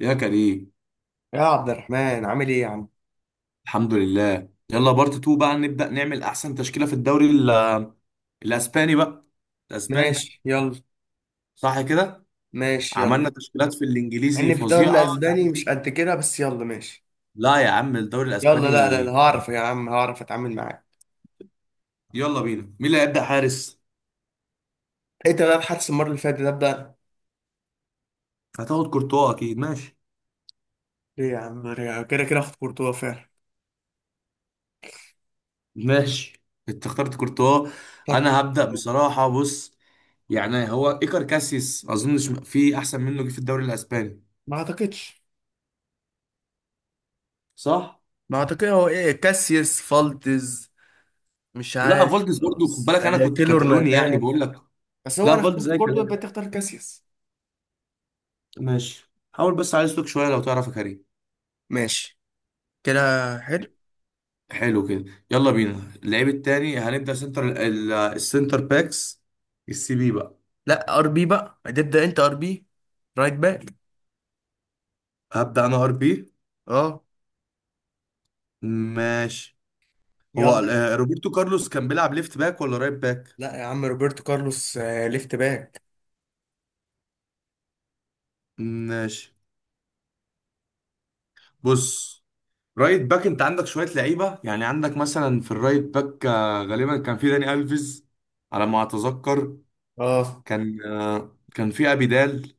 يا كريم، يا عبد الرحمن، عامل ايه يا عم؟ الحمد لله. يلا بارت 2 بقى نبدأ نعمل احسن تشكيلة في الدوري الاسباني بقى. الاسباني ماشي يلا. صح كده. ماشي يلا مع عملنا تشكيلات في الانجليزي اني في الدوري فظيعة. الاسباني مش قد كده، بس يلا ماشي. لا يا عم، الدوري يلا، لا لا لا، الاسباني. هعرف يا عم، هعرف اتعامل معاك. يلا بينا، مين اللي هيبدأ حارس؟ انت بقى بحدث المره اللي فاتت ده، ابدا. هتاخد كورتوا اكيد. ماشي ليه يا عم ليه؟ كده كده اخد كورتوا فعلا. ماشي انت اخترت كورتوا. طرد. انا هبدأ كورتوا. بصراحة، بص يعني هو ايكر كاسيس اظنش في احسن منه جه في الدوري الاسباني، ما اعتقدش. صح؟ ما اعتقد، هو ايه، كاسياس فالتز؟ مش لا عارف، فولدز برضو، خد خلاص بالك انا آه، كنت كيلور كتالوني يعني نافاس. بقول لك. بس هو لا انا فولت اخترت زي كورتوا يبقى كلام. تختار كاسياس. ماشي، حاول بس على اسلوك شويه لو تعرف يا كريم. ماشي. كده. حلو. حلو كده. يلا بينا اللعيب التاني، هنبدا سنتر السنتر باكس، السي بي بقى. لا، ار بي بقى هتبدا انت، ار بي، رايت باك. هبدا انا ار بي. اه. ماشي. هو يلا. روبرتو كارلوس كان بيلعب ليفت باك ولا رايت باك؟ لا يا عم، روبرتو كارلوس، ليفت باك. ماشي. بص، رايت باك انت عندك شويه لعيبه. يعني عندك مثلا في الرايت باك غالبا كان في داني الفيز على ما اتذكر. اه. كان كان في ابيدال،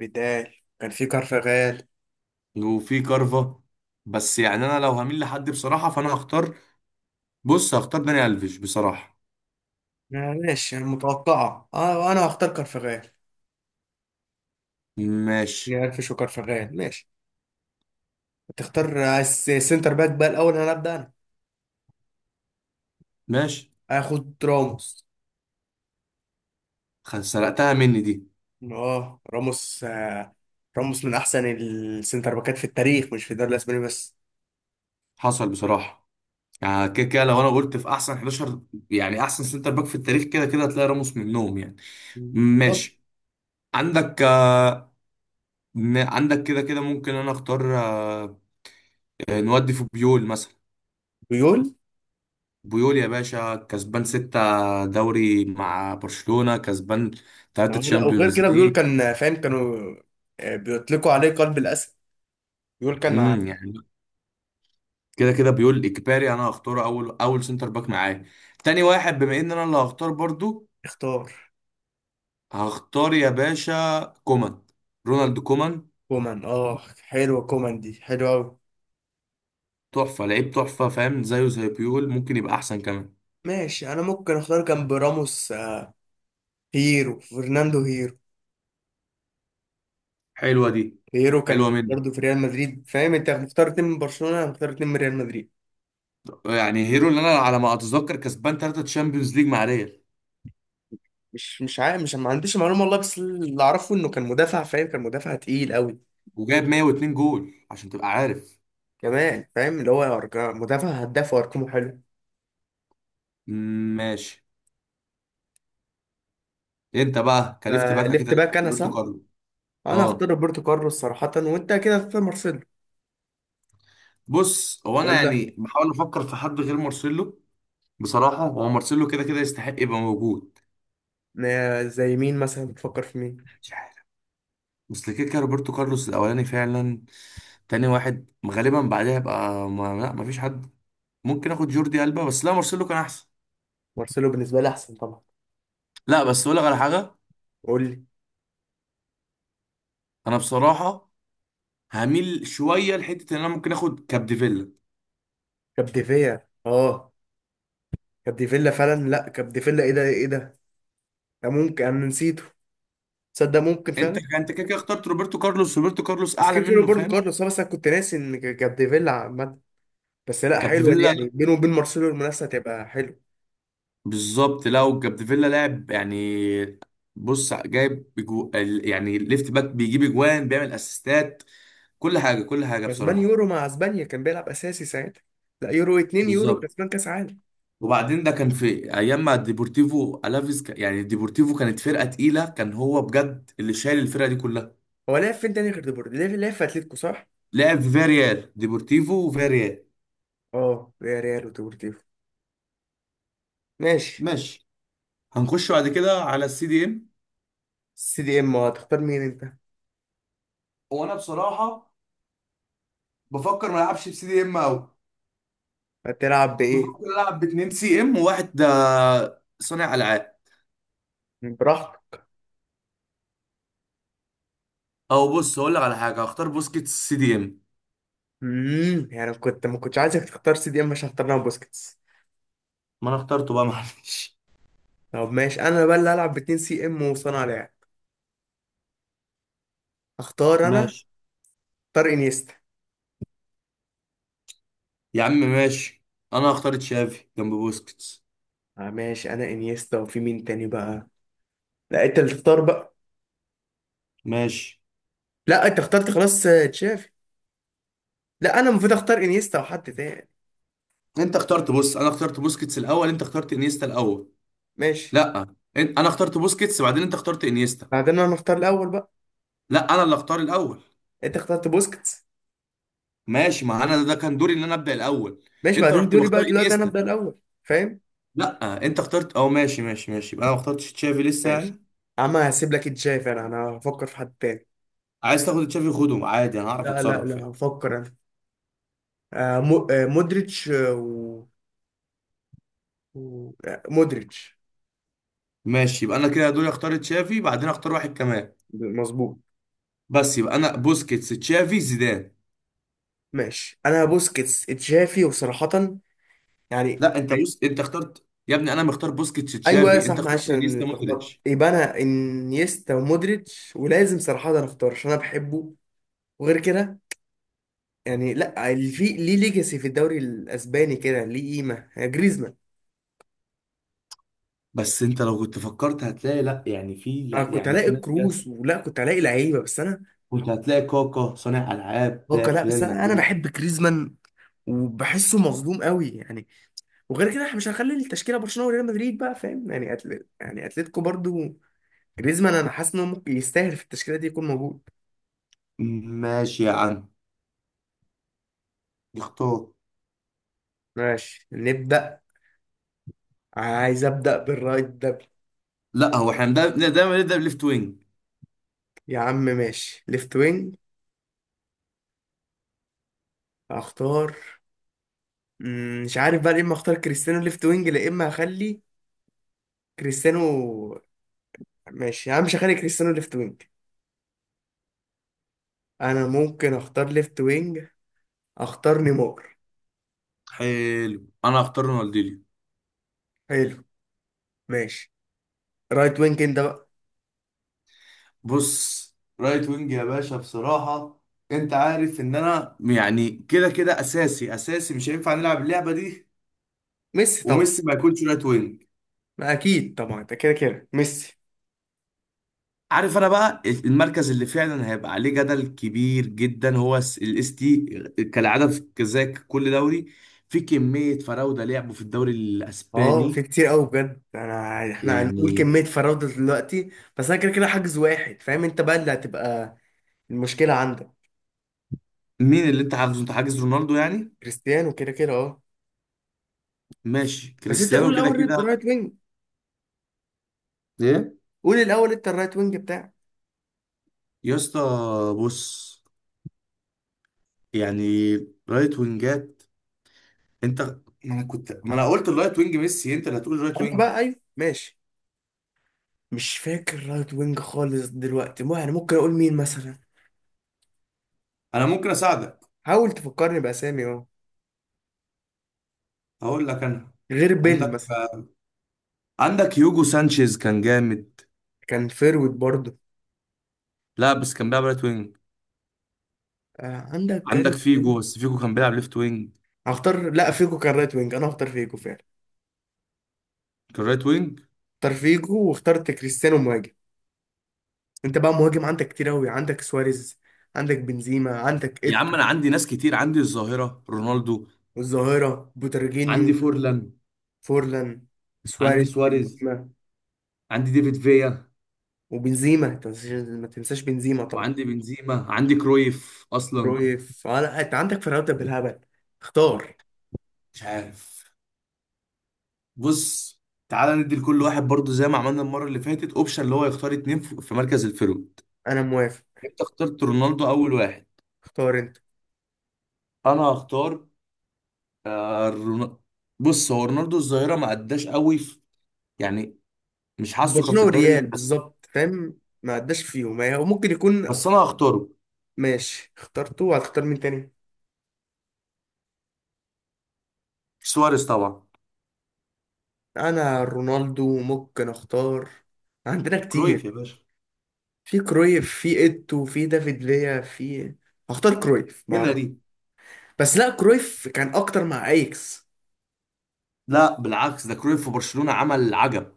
بداية. كان في كارفاغال. وفي كارفا. بس يعني انا لو هميل لحد بصراحه، فانا هختار، بص، هختار داني الفيش بصراحه. آه، ماشي، متوقعة. اه، انا هختار كارفاغال. ماشي. نقفش، وكارفاغال ماشي. هتختار سنتر باك بقى؟ الاول انا ابدا. ماشي. انا هاخد راموس. سرقتها مني دي. اه، راموس. راموس من احسن السنتر باكات في التاريخ، مش في الدوري الاسباني بس. حصل بصراحه. يعني كده كده لو انا قلت في احسن 11، يعني احسن سنتر باك في التاريخ كده كده هتلاقي راموس منهم يعني. بالظبط. ماشي. عندك عندك كده كده ممكن انا اختار نودي في بيول مثلا. بيول. بيول يا باشا، كسبان ستة دوري مع برشلونة، كسبان تلاتة لا، وغير تشامبيونز كده بيول ليج. كان، فاهم، كانوا بيطلقوا عليه قلب الاسد. بيول كان ع- يعني كده كده بيقول اجباري انا هختار اول سنتر باك معايا. تاني واحد بما ان انا اللي هختار برضو، اختار هختار يا باشا كومان، رونالد كومان. كومان. اه، حلوة كومان دي، حلوة أوي. تحفة لعيب، تحفة، فاهم؟ زيه زي بيول، ممكن يبقى احسن كمان. ماشي، أنا ممكن أختار جنب راموس، هيرو، فرناندو هيرو. حلوة دي. هيرو حلوة كان مني. برضه في ريال مدريد، فاهم؟ أنت مختار اتنين من برشلونة، أنا مختار اتنين من ريال مدريد. يعني هيرو اللي انا على ما اتذكر كسبان ثلاثة تشامبيونز ليج مع ريال، مش عارف، مش، ما عنديش معلومة والله، بس اللي أعرفه إنه كان مدافع، فاهم؟ كان مدافع تقيل أوي. وجايب 102 جول عشان تبقى عارف. كمان فاهم، اللي هو مدافع هداف وأرقامه حلو. ماشي. انت بقى كلفت باك اكيد فليفت هتبقى باك أنا، روبرتو صح. كارلو. أنا هختار اه. روبرتو كارلوس صراحة، وأنت كده هتختار مارسيلو. بص هو انا ولا. يعني بحاول افكر في حد غير مارسيلو. بصراحة هو مارسيلو كده كده يستحق يبقى موجود. زي مين مثلا؟ بتفكر في مين؟ مش عارف. بس كده كده روبرتو كارلوس الأولاني فعلا. تاني واحد غالبا بعدها يبقى ما... لا مفيش حد. ممكن آخد جوردي ألبا، بس لا مارسيلو كان أحسن. مارسيلو بالنسبة لي أحسن طبعا. لا بس أقول لك على حاجة. قول لي. أنا بصراحة هميل شوية لحتة إن أنا ممكن آخد كابديفيلا. كبديفيا، اه. كبديفيلا فعلا، لا، كبديفيلا، ايه ده، ايه ده. ده ممكن انا نسيته. تصدق، ممكن أنت فعلا. أنت كده كده اخترت روبرتو كارلوس، روبرتو كارلوس بس أعلى كده كده منه برضه فاهم. كارلوس. بس انا كنت ناسي ان كبديفيلا عامه. بس لا، حلوه دي كابديفيلا، لا. يعني، بينه وبين مارسيلو المنافسه هتبقى حلوه. بالظبط، لا، وكابديفيلا لاعب يعني. بص جايب يعني ليفت باك بيجيب اجوان، بيعمل اسيستات، كل حاجه كسبان بصراحه. يورو مع اسبانيا، كان بيلعب اساسي ساعتها. لا يورو 2، يورو بالظبط. كسبان كاس عالم. وبعدين ده كان في ايام ما ديبورتيفو الافيز يعني ديبورتيفو كانت فرقه تقيله، كان هو بجد اللي شايل الفرقه دي كلها. هو لعب فين تاني غير ديبورتي؟ لعب في اتلتيكو، صح؟ لعب في فياريال، ديبورتيفو وفياريال. اه، يا ريال وديبورتيفو. ماشي. ماشي. هنخش بعد كده على السي دي ام. سي دي ام، هتختار مين انت؟ وانا بصراحه بفكر ما العبش بسي دي ام قوي. هتلعب بايه؟ بفكر العب باتنين سي ام وواحد ده صانع العاب. براحتك. او بص هقول لك على حاجه، هختار بوسكيتس سي دي ام. يعني كنت ما كنتش عايزك تختار سي دي ام عشان اختار لها بوسكيتس. ما انا اخترته بقى، معلش. طب ماشي، انا بقى اللي هلعب باتنين سي ام وصانع لعب. اختار انا. ماشي اختار انيستا. يا عم، ماشي. انا هختار تشافي جنب بوسكيتس. آه، ماشي، انا انيستا، وفي مين تاني بقى؟ لا، انت اللي تختار بقى. ماشي. لا، انت اخترت خلاص تشافي. لا، انا المفروض اختار انيستا وحد تاني. انت اخترت، بص انا اخترت بوسكيتس الاول، انت اخترت انيستا الاول. ماشي. لا، انا اخترت بوسكيتس بعدين انت اخترت انيستا. بعدين انا اختار الاول بقى. لا انا اللي اختار الاول. انت اخترت بوسكيتس. ماشي، ما انا ده كان دوري ان انا ابدا الاول. ماشي، انت بعدين رحت دوري مختار بقى، دلوقتي انا انيستا. ابدا الاول، فاهم. لا انت اخترت، اه ماشي ماشي ماشي، يبقى انا ما اخترتش تشافي لسه ماشي يعني. يا عم، هسيب لك تشافي، انا هفكر في حد تاني. عايز تاخد تشافي خده عادي، انا هعرف لا لا اتصرف لا، يعني. هفكر انا. مودريتش، و- مودريتش. ماشي، يبقى انا كده دوري، اختار تشافي بعدين اختار واحد كمان. مظبوط. بس يبقى انا بوسكيتس تشافي زيدان. ماشي، انا بوسكيتس تشافي، وصراحة، يعني، لا انت بص، انت اخترت يا ابني، انا مختار بوسكيتس ايوه تشافي، صح، انت اخترت معلش انا انيستا اتلخبطت. مودريتش. يبقى انا انيستا ومودريتش، ولازم صراحة انا اختار عشان انا بحبه. وغير كده، يعني لا، اللي في ليه ليجاسي في الدوري الاسباني كده ليه قيمة يعني، جريزمان. بس انت لو كنت فكرت هتلاقي لا يعني في، انا لا كنت يعني هلاقي في ناس جت. كروس، ولا كنت هلاقي لعيبة، بس انا، كنت هتلاقي كاكا صانع العاب هو تلاقي لا، في بس ريال انا مدريد. بحب جريزمان، وبحسه مظلوم قوي يعني. وغير كده احنا مش هنخلي التشكيله برشلونه وريال مدريد بقى، فاهم يعني، يعني اتلتيكو برضو. جريزمان انا حاسس انه ممكن يستاهل في التشكيله دي يكون موجود. ماشي يا عم، اختار. ماشي، نبدا. عايز ابدا بالرايت ده. لا هو احنا دايما نبدا بليفت وينج. يا عم ماشي، ليفت وينج. هختار. مش عارف بقى، يا اما اختار كريستيانو ليفت وينج، يا اما هخلي كريستيانو. ماشي يا عم، مش هخلي كريستيانو ليفت وينج. انا ممكن اختار ليفت وينج. اختار نيمار. حلو، انا هختار رونالدينيو. حلو. ماشي. رايت وينج انت بقى. بص رايت وينج يا باشا بصراحه، انت عارف ان انا يعني كده كده اساسي مش هينفع نلعب اللعبه دي ميسي طبعا. وميسي ما يكونش رايت وينج. ما اكيد طبعا، ده كده كده ميسي. عارف انا بقى المركز اللي فعلا هيبقى عليه جدل كبير جدا هو الاس تي، كالعاده في زي كل دوري في كميه فراوده لعبوا في الدوري اه، في الاسباني. كتير قوي بجد، انا احنا هنقول يعني كمية فراوده دلوقتي. بس انا كده كده حاجز واحد، فاهم، انت بقى اللي هتبقى المشكلة عندك. مين اللي انت حاجزه؟ انت حاجز رونالدو يعني. كريستيانو كده كده، اه. ماشي بس انت قول كريستيانو كده الاول، كده. رايت وينج. ايه؟ قول الاول انت الرايت وينج بتاعك. يا اسطى بص، يعني رايت وينجات. انت، ما انا قلت الرايت وينج ميسي، انت اللي هتقول رايت انا وينج. بقى، ايوه ماشي. مش فاكر رايت وينج خالص دلوقتي، يعني، ممكن اقول مين مثلا. انا ممكن اساعدك. حاول تفكرني باسامي، اه. اقول لك انا. غير بيل عندك، مثلا. عندك يوجو سانشيز كان جامد. كان فيرويد برضه. لا بس كان بيلعب رايت وينج. آه، عندك عندك كارث بيل. فيجو، بس فيجو كان بيلعب ليفت وينج. هختار، لا، فيجو كان رايت وينج، انا هختار فيجو فعلا. كان رايت وينج. اختار فيجو، واخترت كريستيانو مهاجم. انت بقى مهاجم عندك كتير قوي، عندك سواريز، عندك بنزيما، عندك يا عم ايتو، انا عندي ناس كتير. عندي الظاهرة رونالدو، والظاهرة بوترجينيو، عندي فورلان، فورلان، عندي سواريز، سواريز، بنزيما. عندي ديفيد فيا، وبنزيما انت ما تنساش، ما تنساش بنزيما طبعا. وعندي بنزيما، عندي كرويف اصلا. رويف، آه، لا انت عندك فرقات بالهبل. اختار. مش عارف. بص، تعالى ندي لكل واحد برضو زي ما عملنا المرة اللي فاتت اوبشن اللي هو يختار اتنين في مركز الفيرود. انا موافق. انت اخترت رونالدو اول واحد. اختار انت. انا هختار آه، رون- بص هو رونالدو الظاهرة ما اداش قوي في، يعني مش حاسه كان في برشلونة الدوري والريال الاسباني. بالظبط، فاهم، ما عداش فيهم وممكن يكون. بس انا هختاره. ماشي، اخترته، هتختار مين تاني؟ سواريز طبعا. انا رونالدو ممكن اختار. عندنا كرويف كتير. يا باشا. في كرويف، في ايتو، في دافيد فيا، في. هختار كرويف مع هنا أرنولد. دي. بس لا، كرويف كان اكتر مع ايكس. لا بالعكس، ده كرويف في برشلونة عمل عجب.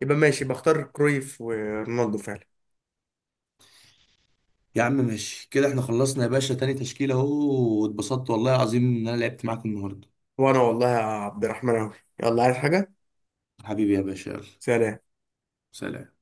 يبقى ماشي، بختار كرويف ورونالدو فعلا. يا عم ماشي كده احنا خلصنا يا باشا، تاني تشكيلة اهو، واتبسطت والله العظيم ان انا لعبت معاك النهارده. وانا والله يا عبد الرحمن، اوي. يلا، عايز حاجة؟ حبيبي يا باشا، يلا. سلام. سلام.